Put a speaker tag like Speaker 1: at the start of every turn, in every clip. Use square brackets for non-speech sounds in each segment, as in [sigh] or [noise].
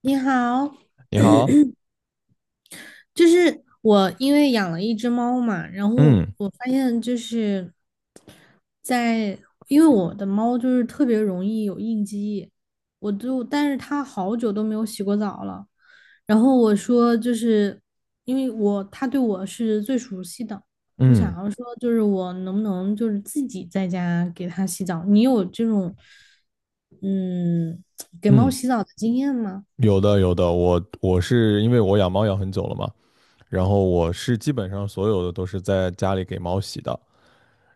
Speaker 1: 你好，
Speaker 2: 你好，
Speaker 1: 就是我因为养了一只猫嘛，然后
Speaker 2: 嗯
Speaker 1: 我发现就是在，因为我的猫就是特别容易有应激，但是它好久都没有洗过澡了，然后我说因为我，它对我是最熟悉的，我想
Speaker 2: 嗯
Speaker 1: 要说就是我能不能就是自己在家给它洗澡？你有这种嗯给猫
Speaker 2: 嗯，
Speaker 1: 洗澡的经验吗？
Speaker 2: 有的有的，我是因为我养猫养很久了嘛，然后我是基本上所有的都是在家里给猫洗的。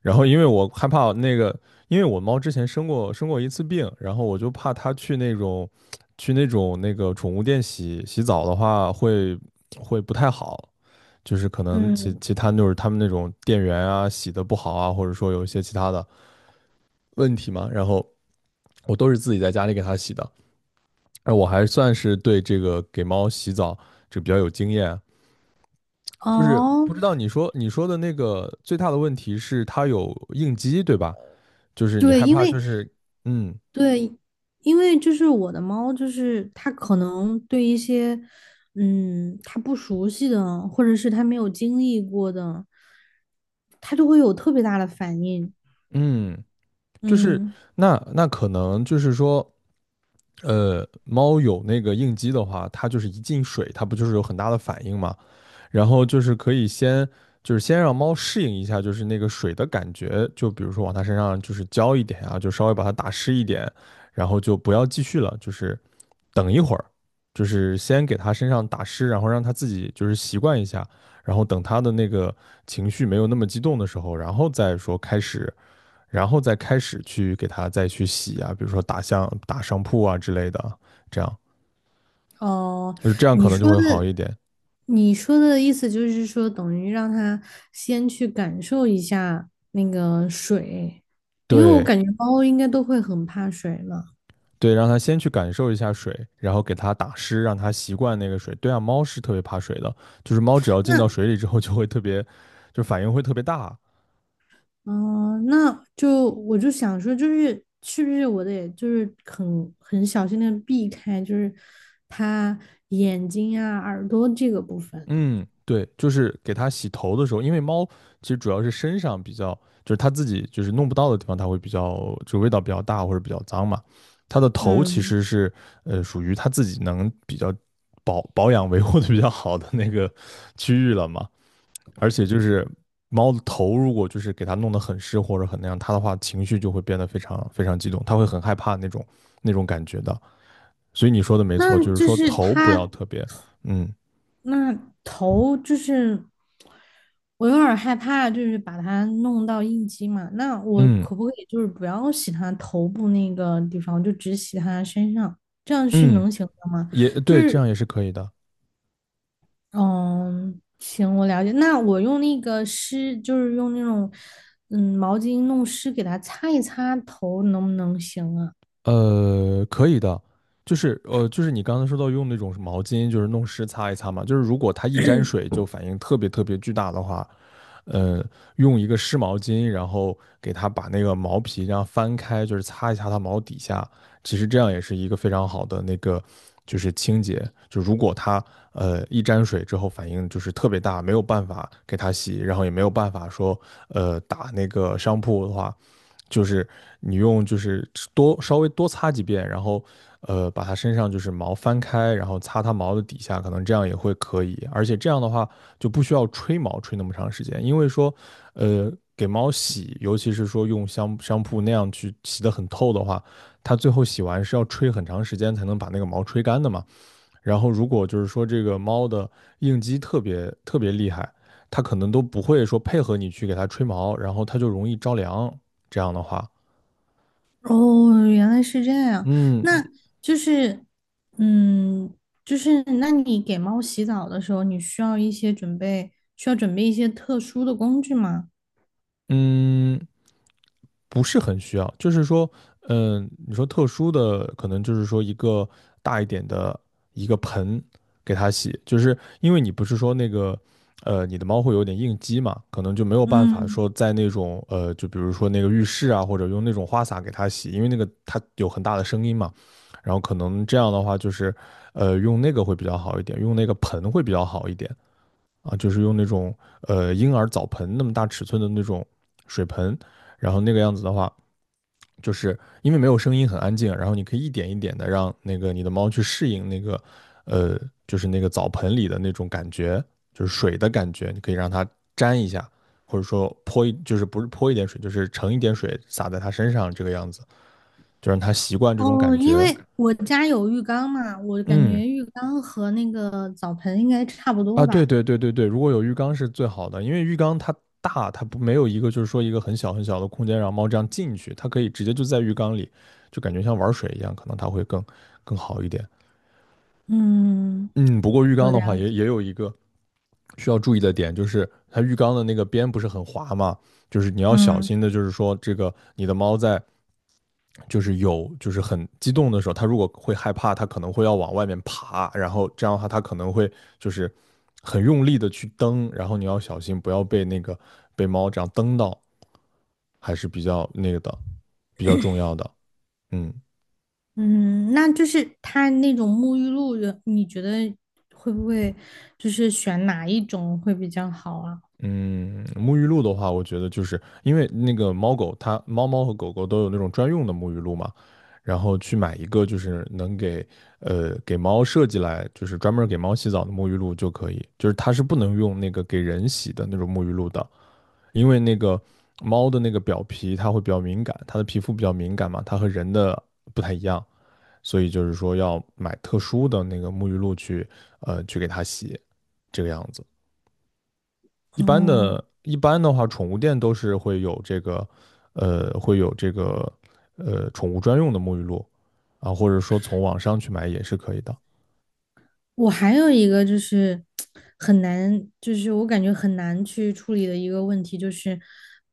Speaker 2: 然后因为我害怕那个，因为我猫之前生过一次病，然后我就怕它去那种那个宠物店洗澡的话会不太好，就是可能其
Speaker 1: 嗯，
Speaker 2: 其他就是他们那种店员啊洗的不好啊，或者说有一些其他的问题嘛，然后我都是自己在家里给它洗的。那我还算是对这个给猫洗澡这比较有经验，就是
Speaker 1: 哦。
Speaker 2: 不知道你说的那个最大的问题是它有应激，对吧？就是你
Speaker 1: 对，
Speaker 2: 害
Speaker 1: 因
Speaker 2: 怕，
Speaker 1: 为
Speaker 2: 就是嗯
Speaker 1: 对，因为就是我的猫，就是它可能对一些，嗯，它不熟悉的，或者是它没有经历过的，它就会有特别大的反应。
Speaker 2: 嗯，就是
Speaker 1: 嗯，
Speaker 2: 那可能就是说，猫有那个应激的话，它就是一进水，它不就是有很大的反应吗？然后就是可以先就是先让猫适应一下，就是那个水的感觉，就比如说往它身上就是浇一点啊，就稍微把它打湿一点，然后就不要继续了，就是等一会儿，就是先给它身上打湿，然后让它自己就是习惯一下，然后等它的那个情绪没有那么激动的时候，然后再说开始，然后再开始去给它再去洗啊，比如说打像打上铺啊之类的，这样
Speaker 1: 哦，
Speaker 2: 就是这样
Speaker 1: 你
Speaker 2: 可能
Speaker 1: 说
Speaker 2: 就会好
Speaker 1: 的，
Speaker 2: 一点。
Speaker 1: 你说的意思就是说，等于让它先去感受一下那个水，因为我
Speaker 2: 对。
Speaker 1: 感觉猫应该都会很怕水嘛。
Speaker 2: 对，让它先去感受一下水，然后给它打湿，让它习惯那个水。对啊，猫是特别怕水的，就是猫只要进到水里之后就会特别，就反应会特别大。
Speaker 1: 嗯，那就想说，就是是不是我得就是很小心的避开，就是他眼睛啊、耳朵这个部分。
Speaker 2: 嗯，对，就是给它洗头的时候，因为猫其实主要是身上比较，就是它自己就是弄不到的地方，它会比较就味道比较大或者比较脏嘛。它的头其
Speaker 1: 嗯，
Speaker 2: 实是属于它自己能比较保养维护的比较好的那个区域了嘛。而且就是猫的头，如果就是给它弄得很湿或者很那样，它的话情绪就会变得非常非常激动，它会很害怕那种感觉的。所以你说的没错，
Speaker 1: 那
Speaker 2: 就是
Speaker 1: 就
Speaker 2: 说
Speaker 1: 是
Speaker 2: 头不要
Speaker 1: 他
Speaker 2: 特别，嗯
Speaker 1: 那头，就是我有点儿害怕，就是把它弄到应激嘛。那我
Speaker 2: 嗯
Speaker 1: 可不可以就是不要洗他头部那个地方，就只洗他身上，这样是
Speaker 2: 嗯，
Speaker 1: 能行的吗？
Speaker 2: 也
Speaker 1: 就
Speaker 2: 对，这样
Speaker 1: 是
Speaker 2: 也是可以的。
Speaker 1: 嗯，行，我了解。那我用那个湿，就是用那种毛巾弄湿，给它擦一擦头，能不能行啊？
Speaker 2: 可以的。就是就是你刚才说到用那种毛巾，就是弄湿擦一擦嘛。就是如果它一沾水就反应特别特别巨大的话，呃，用一个湿毛巾，然后给它把那个毛皮这样翻开，就是擦一下它毛底下。其实这样也是一个非常好的那个，就是清洁。就如果它一沾水之后反应就是特别大，没有办法给它洗，然后也没有办法说打那个商铺的话，就是你用就是多稍微多擦几遍，然后把它身上就是毛翻开，然后擦它毛的底下，可能这样也会可以。而且这样的话就不需要吹毛吹那么长时间，因为说给猫洗，尤其是说用香香铺那样去洗得很透的话，它最后洗完是要吹很长时间才能把那个毛吹干的嘛。然后如果就是说这个猫的应激特别特别厉害，它可能都不会说配合你去给它吹毛，然后它就容易着凉。这样的话，
Speaker 1: 哦，原来是这样。那
Speaker 2: 嗯
Speaker 1: 就是嗯，就是那你给猫洗澡的时候，你需要一些准备，需要准备一些特殊的工具吗？
Speaker 2: 嗯，不是很需要，就是说，你说特殊的，可能就是说一个大一点的一个盆给它洗，就是因为你不是说那个，你的猫会有点应激嘛，可能就没有办法
Speaker 1: 嗯。
Speaker 2: 说在那种，就比如说那个浴室啊，或者用那种花洒给它洗，因为那个它有很大的声音嘛，然后可能这样的话就是，用那个会比较好一点，用那个盆会比较好一点，啊，就是用那种婴儿澡盆那么大尺寸的那种水盆，然后那个样子的话，就是因为没有声音，很安静，然后你可以一点一点的让那个你的猫去适应那个呃，就是那个澡盆里的那种感觉，就是水的感觉，你可以让它沾一下，或者说就是不是泼一点水，就是盛一点水洒在它身上这个样子，就让它习惯这种
Speaker 1: 哦，
Speaker 2: 感
Speaker 1: 因
Speaker 2: 觉。
Speaker 1: 为我家有浴缸嘛，我感觉
Speaker 2: 嗯，
Speaker 1: 浴缸和那个澡盆应该差不
Speaker 2: 啊，
Speaker 1: 多
Speaker 2: 对
Speaker 1: 吧。
Speaker 2: 对对对对，如果有浴缸是最好的，因为浴缸它大，它不没有一个就是说一个很小很小的空间让猫这样进去，它可以直接就在浴缸里，就感觉像玩水一样，可能它会更好一点。
Speaker 1: 嗯，
Speaker 2: 嗯，不过浴
Speaker 1: 我
Speaker 2: 缸的话
Speaker 1: 了
Speaker 2: 也
Speaker 1: 解。
Speaker 2: 也有一个需要注意的点，就是它浴缸的那个边不是很滑嘛，就是你要小
Speaker 1: 嗯。
Speaker 2: 心的，就是说这个你的猫在就是有就是很激动的时候，他如果会害怕，他可能会要往外面爬，然后这样的话他可能会就是很用力的去蹬，然后你要小心不要被那个被猫这样蹬到，还是比较那个的，比较重要的。嗯，
Speaker 1: 嗯，那就是它那种沐浴露的，你觉得会不会就是选哪一种会比较好啊？
Speaker 2: 嗯，沐浴露的话，我觉得就是因为那个猫猫和狗狗都有那种专用的沐浴露嘛，然后去买一个就是能给给猫设计来就是专门给猫洗澡的沐浴露就可以，就是它是不能用那个给人洗的那种沐浴露的，因为那个猫的那个表皮它会比较敏感，它的皮肤比较敏感嘛，它和人的不太一样，所以就是说要买特殊的那个沐浴露去去给它洗，这个样子。一般
Speaker 1: 哦，
Speaker 2: 的，一般的话，宠物店都是会有这个，会有这个，宠物专用的沐浴露啊，或者说从网上去买也是可以的。
Speaker 1: 我还有一个很难，就是我感觉很难去处理的一个问题，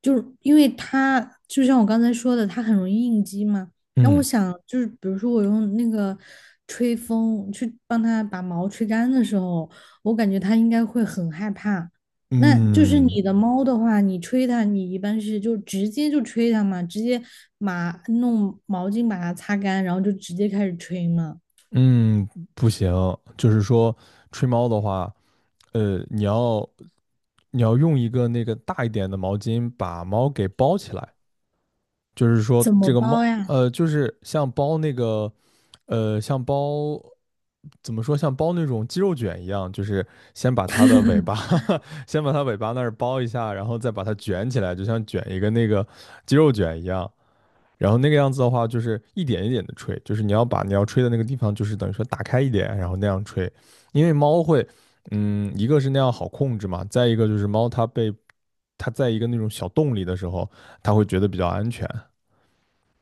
Speaker 1: 就是因为它就像我刚才说的，它很容易应激嘛。那我
Speaker 2: 嗯
Speaker 1: 想就是，比如说我用那个吹风去帮它把毛吹干的时候，我感觉它应该会很害怕。那就是
Speaker 2: 嗯
Speaker 1: 你的猫的话，你吹它，你一般是就直接就吹它嘛，直接把弄毛巾把它擦干，然后就直接开始吹嘛，
Speaker 2: 嗯，不行，就是说吹猫的话，呃，你要你要用一个那个大一点的毛巾把猫给包起来，就是说
Speaker 1: 怎么
Speaker 2: 这个猫，
Speaker 1: 包呀？
Speaker 2: 就是像包那个，像包怎么说，像包那种鸡肉卷一样，就是先把它的尾巴，[laughs] 先把它尾巴那儿包一下，然后再把它卷起来，就像卷一个那个鸡肉卷一样。然后那个样子的话，就是一点一点的吹，就是你要吹的那个地方，就是等于说打开一点，然后那样吹。因为猫会，一个是那样好控制嘛，再一个就是猫它在一个那种小洞里的时候，它会觉得比较安全。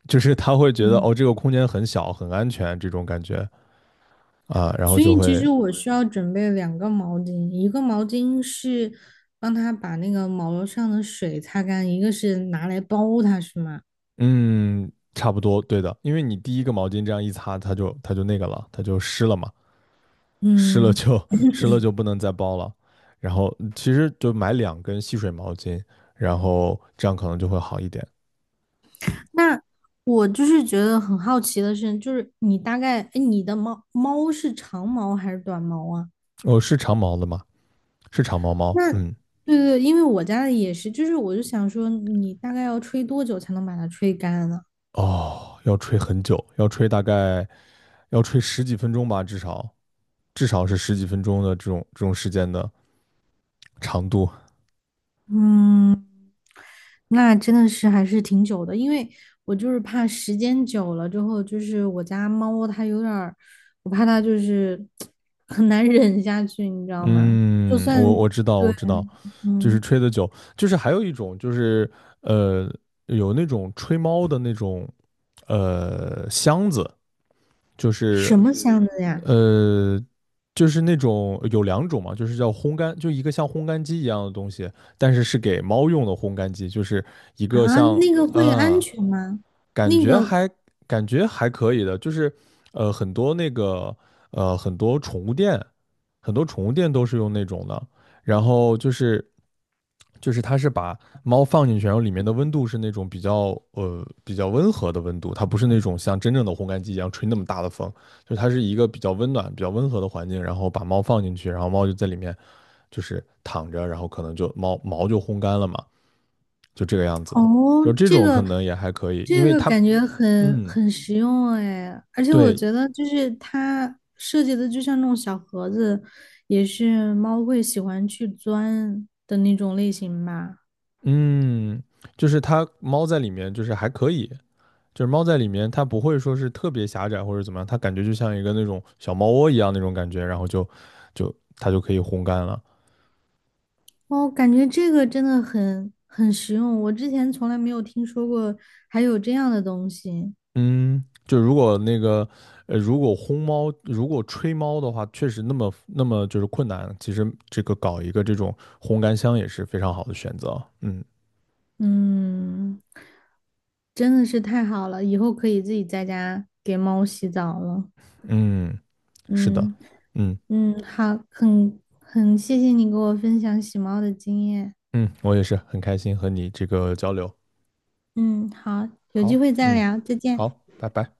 Speaker 2: 就是他会觉得
Speaker 1: 嗯。
Speaker 2: 哦，这个空间很小，很安全这种感觉啊，然后
Speaker 1: 所
Speaker 2: 就
Speaker 1: 以其
Speaker 2: 会。
Speaker 1: 实我需要准备两个毛巾，一个毛巾是帮他把那个毛上的水擦干，一个是拿来包它，是吗？
Speaker 2: 嗯，差不多对的，因为你第一个毛巾这样一擦，它就那个了，它就湿了嘛，湿了
Speaker 1: 嗯，
Speaker 2: 就湿了就不能再包了，然后其实就买两根吸水毛巾，然后这样可能就会好一点。
Speaker 1: 那我就是觉得很好奇的是，就是你大概，哎，你的猫猫是长毛还是短毛啊？
Speaker 2: 哦，是长毛的吗？是长毛猫。
Speaker 1: 那
Speaker 2: 嗯，
Speaker 1: 对对，因为我家的也是，就是我就想说，你大概要吹多久才能把它吹干呢？
Speaker 2: 哦，要吹很久，要吹大概要吹十几分钟吧，至少是十几分钟的这种时间的长度。
Speaker 1: 那真的是还是挺久的，因为我就是怕时间久了之后，就是我家猫它有点儿，我怕它就是 [tsk] 很难忍下去，你知道吗？就
Speaker 2: 嗯，我
Speaker 1: 算
Speaker 2: 我知道，我
Speaker 1: 对，
Speaker 2: 知道，就是
Speaker 1: 嗯，
Speaker 2: 吹的久，就是还有一种就是呃，有那种吹猫的那种箱子，就是
Speaker 1: 什么箱子呀？
Speaker 2: 呃，就是那种有两种嘛，就是叫烘干，就一个像烘干机一样的东西，但是是给猫用的烘干机，就是一个
Speaker 1: 啊，
Speaker 2: 像
Speaker 1: 那个会安
Speaker 2: 啊，
Speaker 1: 全吗？
Speaker 2: 感
Speaker 1: 那
Speaker 2: 觉
Speaker 1: 个
Speaker 2: 还感觉还可以的，就是很多那个很多宠物店，很多宠物店都是用那种的，然后就是它是把猫放进去，然后里面的温度是那种比较比较温和的温度，它不是那种像真正的烘干机一样吹那么大的风，就是它是一个比较温暖、比较温和的环境，然后把猫放进去，然后猫就在里面就是躺着，然后可能就猫毛就烘干了嘛，就这个样子的。
Speaker 1: 哦，
Speaker 2: 就这种可能也还可以，因
Speaker 1: 这
Speaker 2: 为
Speaker 1: 个
Speaker 2: 它，
Speaker 1: 感觉很
Speaker 2: 嗯，
Speaker 1: 很实用哎，而且我
Speaker 2: 对，
Speaker 1: 觉得就是它设计的就像那种小盒子，也是猫会喜欢去钻的那种类型吧。
Speaker 2: 嗯，就是它猫在里面就是还可以，就是猫在里面它不会说是特别狭窄或者怎么样，它感觉就像一个那种小猫窝一样那种感觉，然后它就可以烘干了。
Speaker 1: 哦，感觉这个真的很实用，我之前从来没有听说过还有这样的东西。
Speaker 2: 嗯，就如果那个，如果吹猫的话，确实那么就是困难。其实这个搞一个这种烘干箱也是非常好的选择。嗯
Speaker 1: 嗯，真的是太好了，以后可以自己在家给猫洗澡了。
Speaker 2: 嗯，是的，
Speaker 1: 嗯。
Speaker 2: 嗯
Speaker 1: 嗯，好，很谢谢你给我分享洗猫的经验。
Speaker 2: 嗯，我也是很开心和你这个交流。
Speaker 1: 嗯，好，有机
Speaker 2: 好，
Speaker 1: 会再
Speaker 2: 嗯，
Speaker 1: 聊，再见。
Speaker 2: 好，拜拜。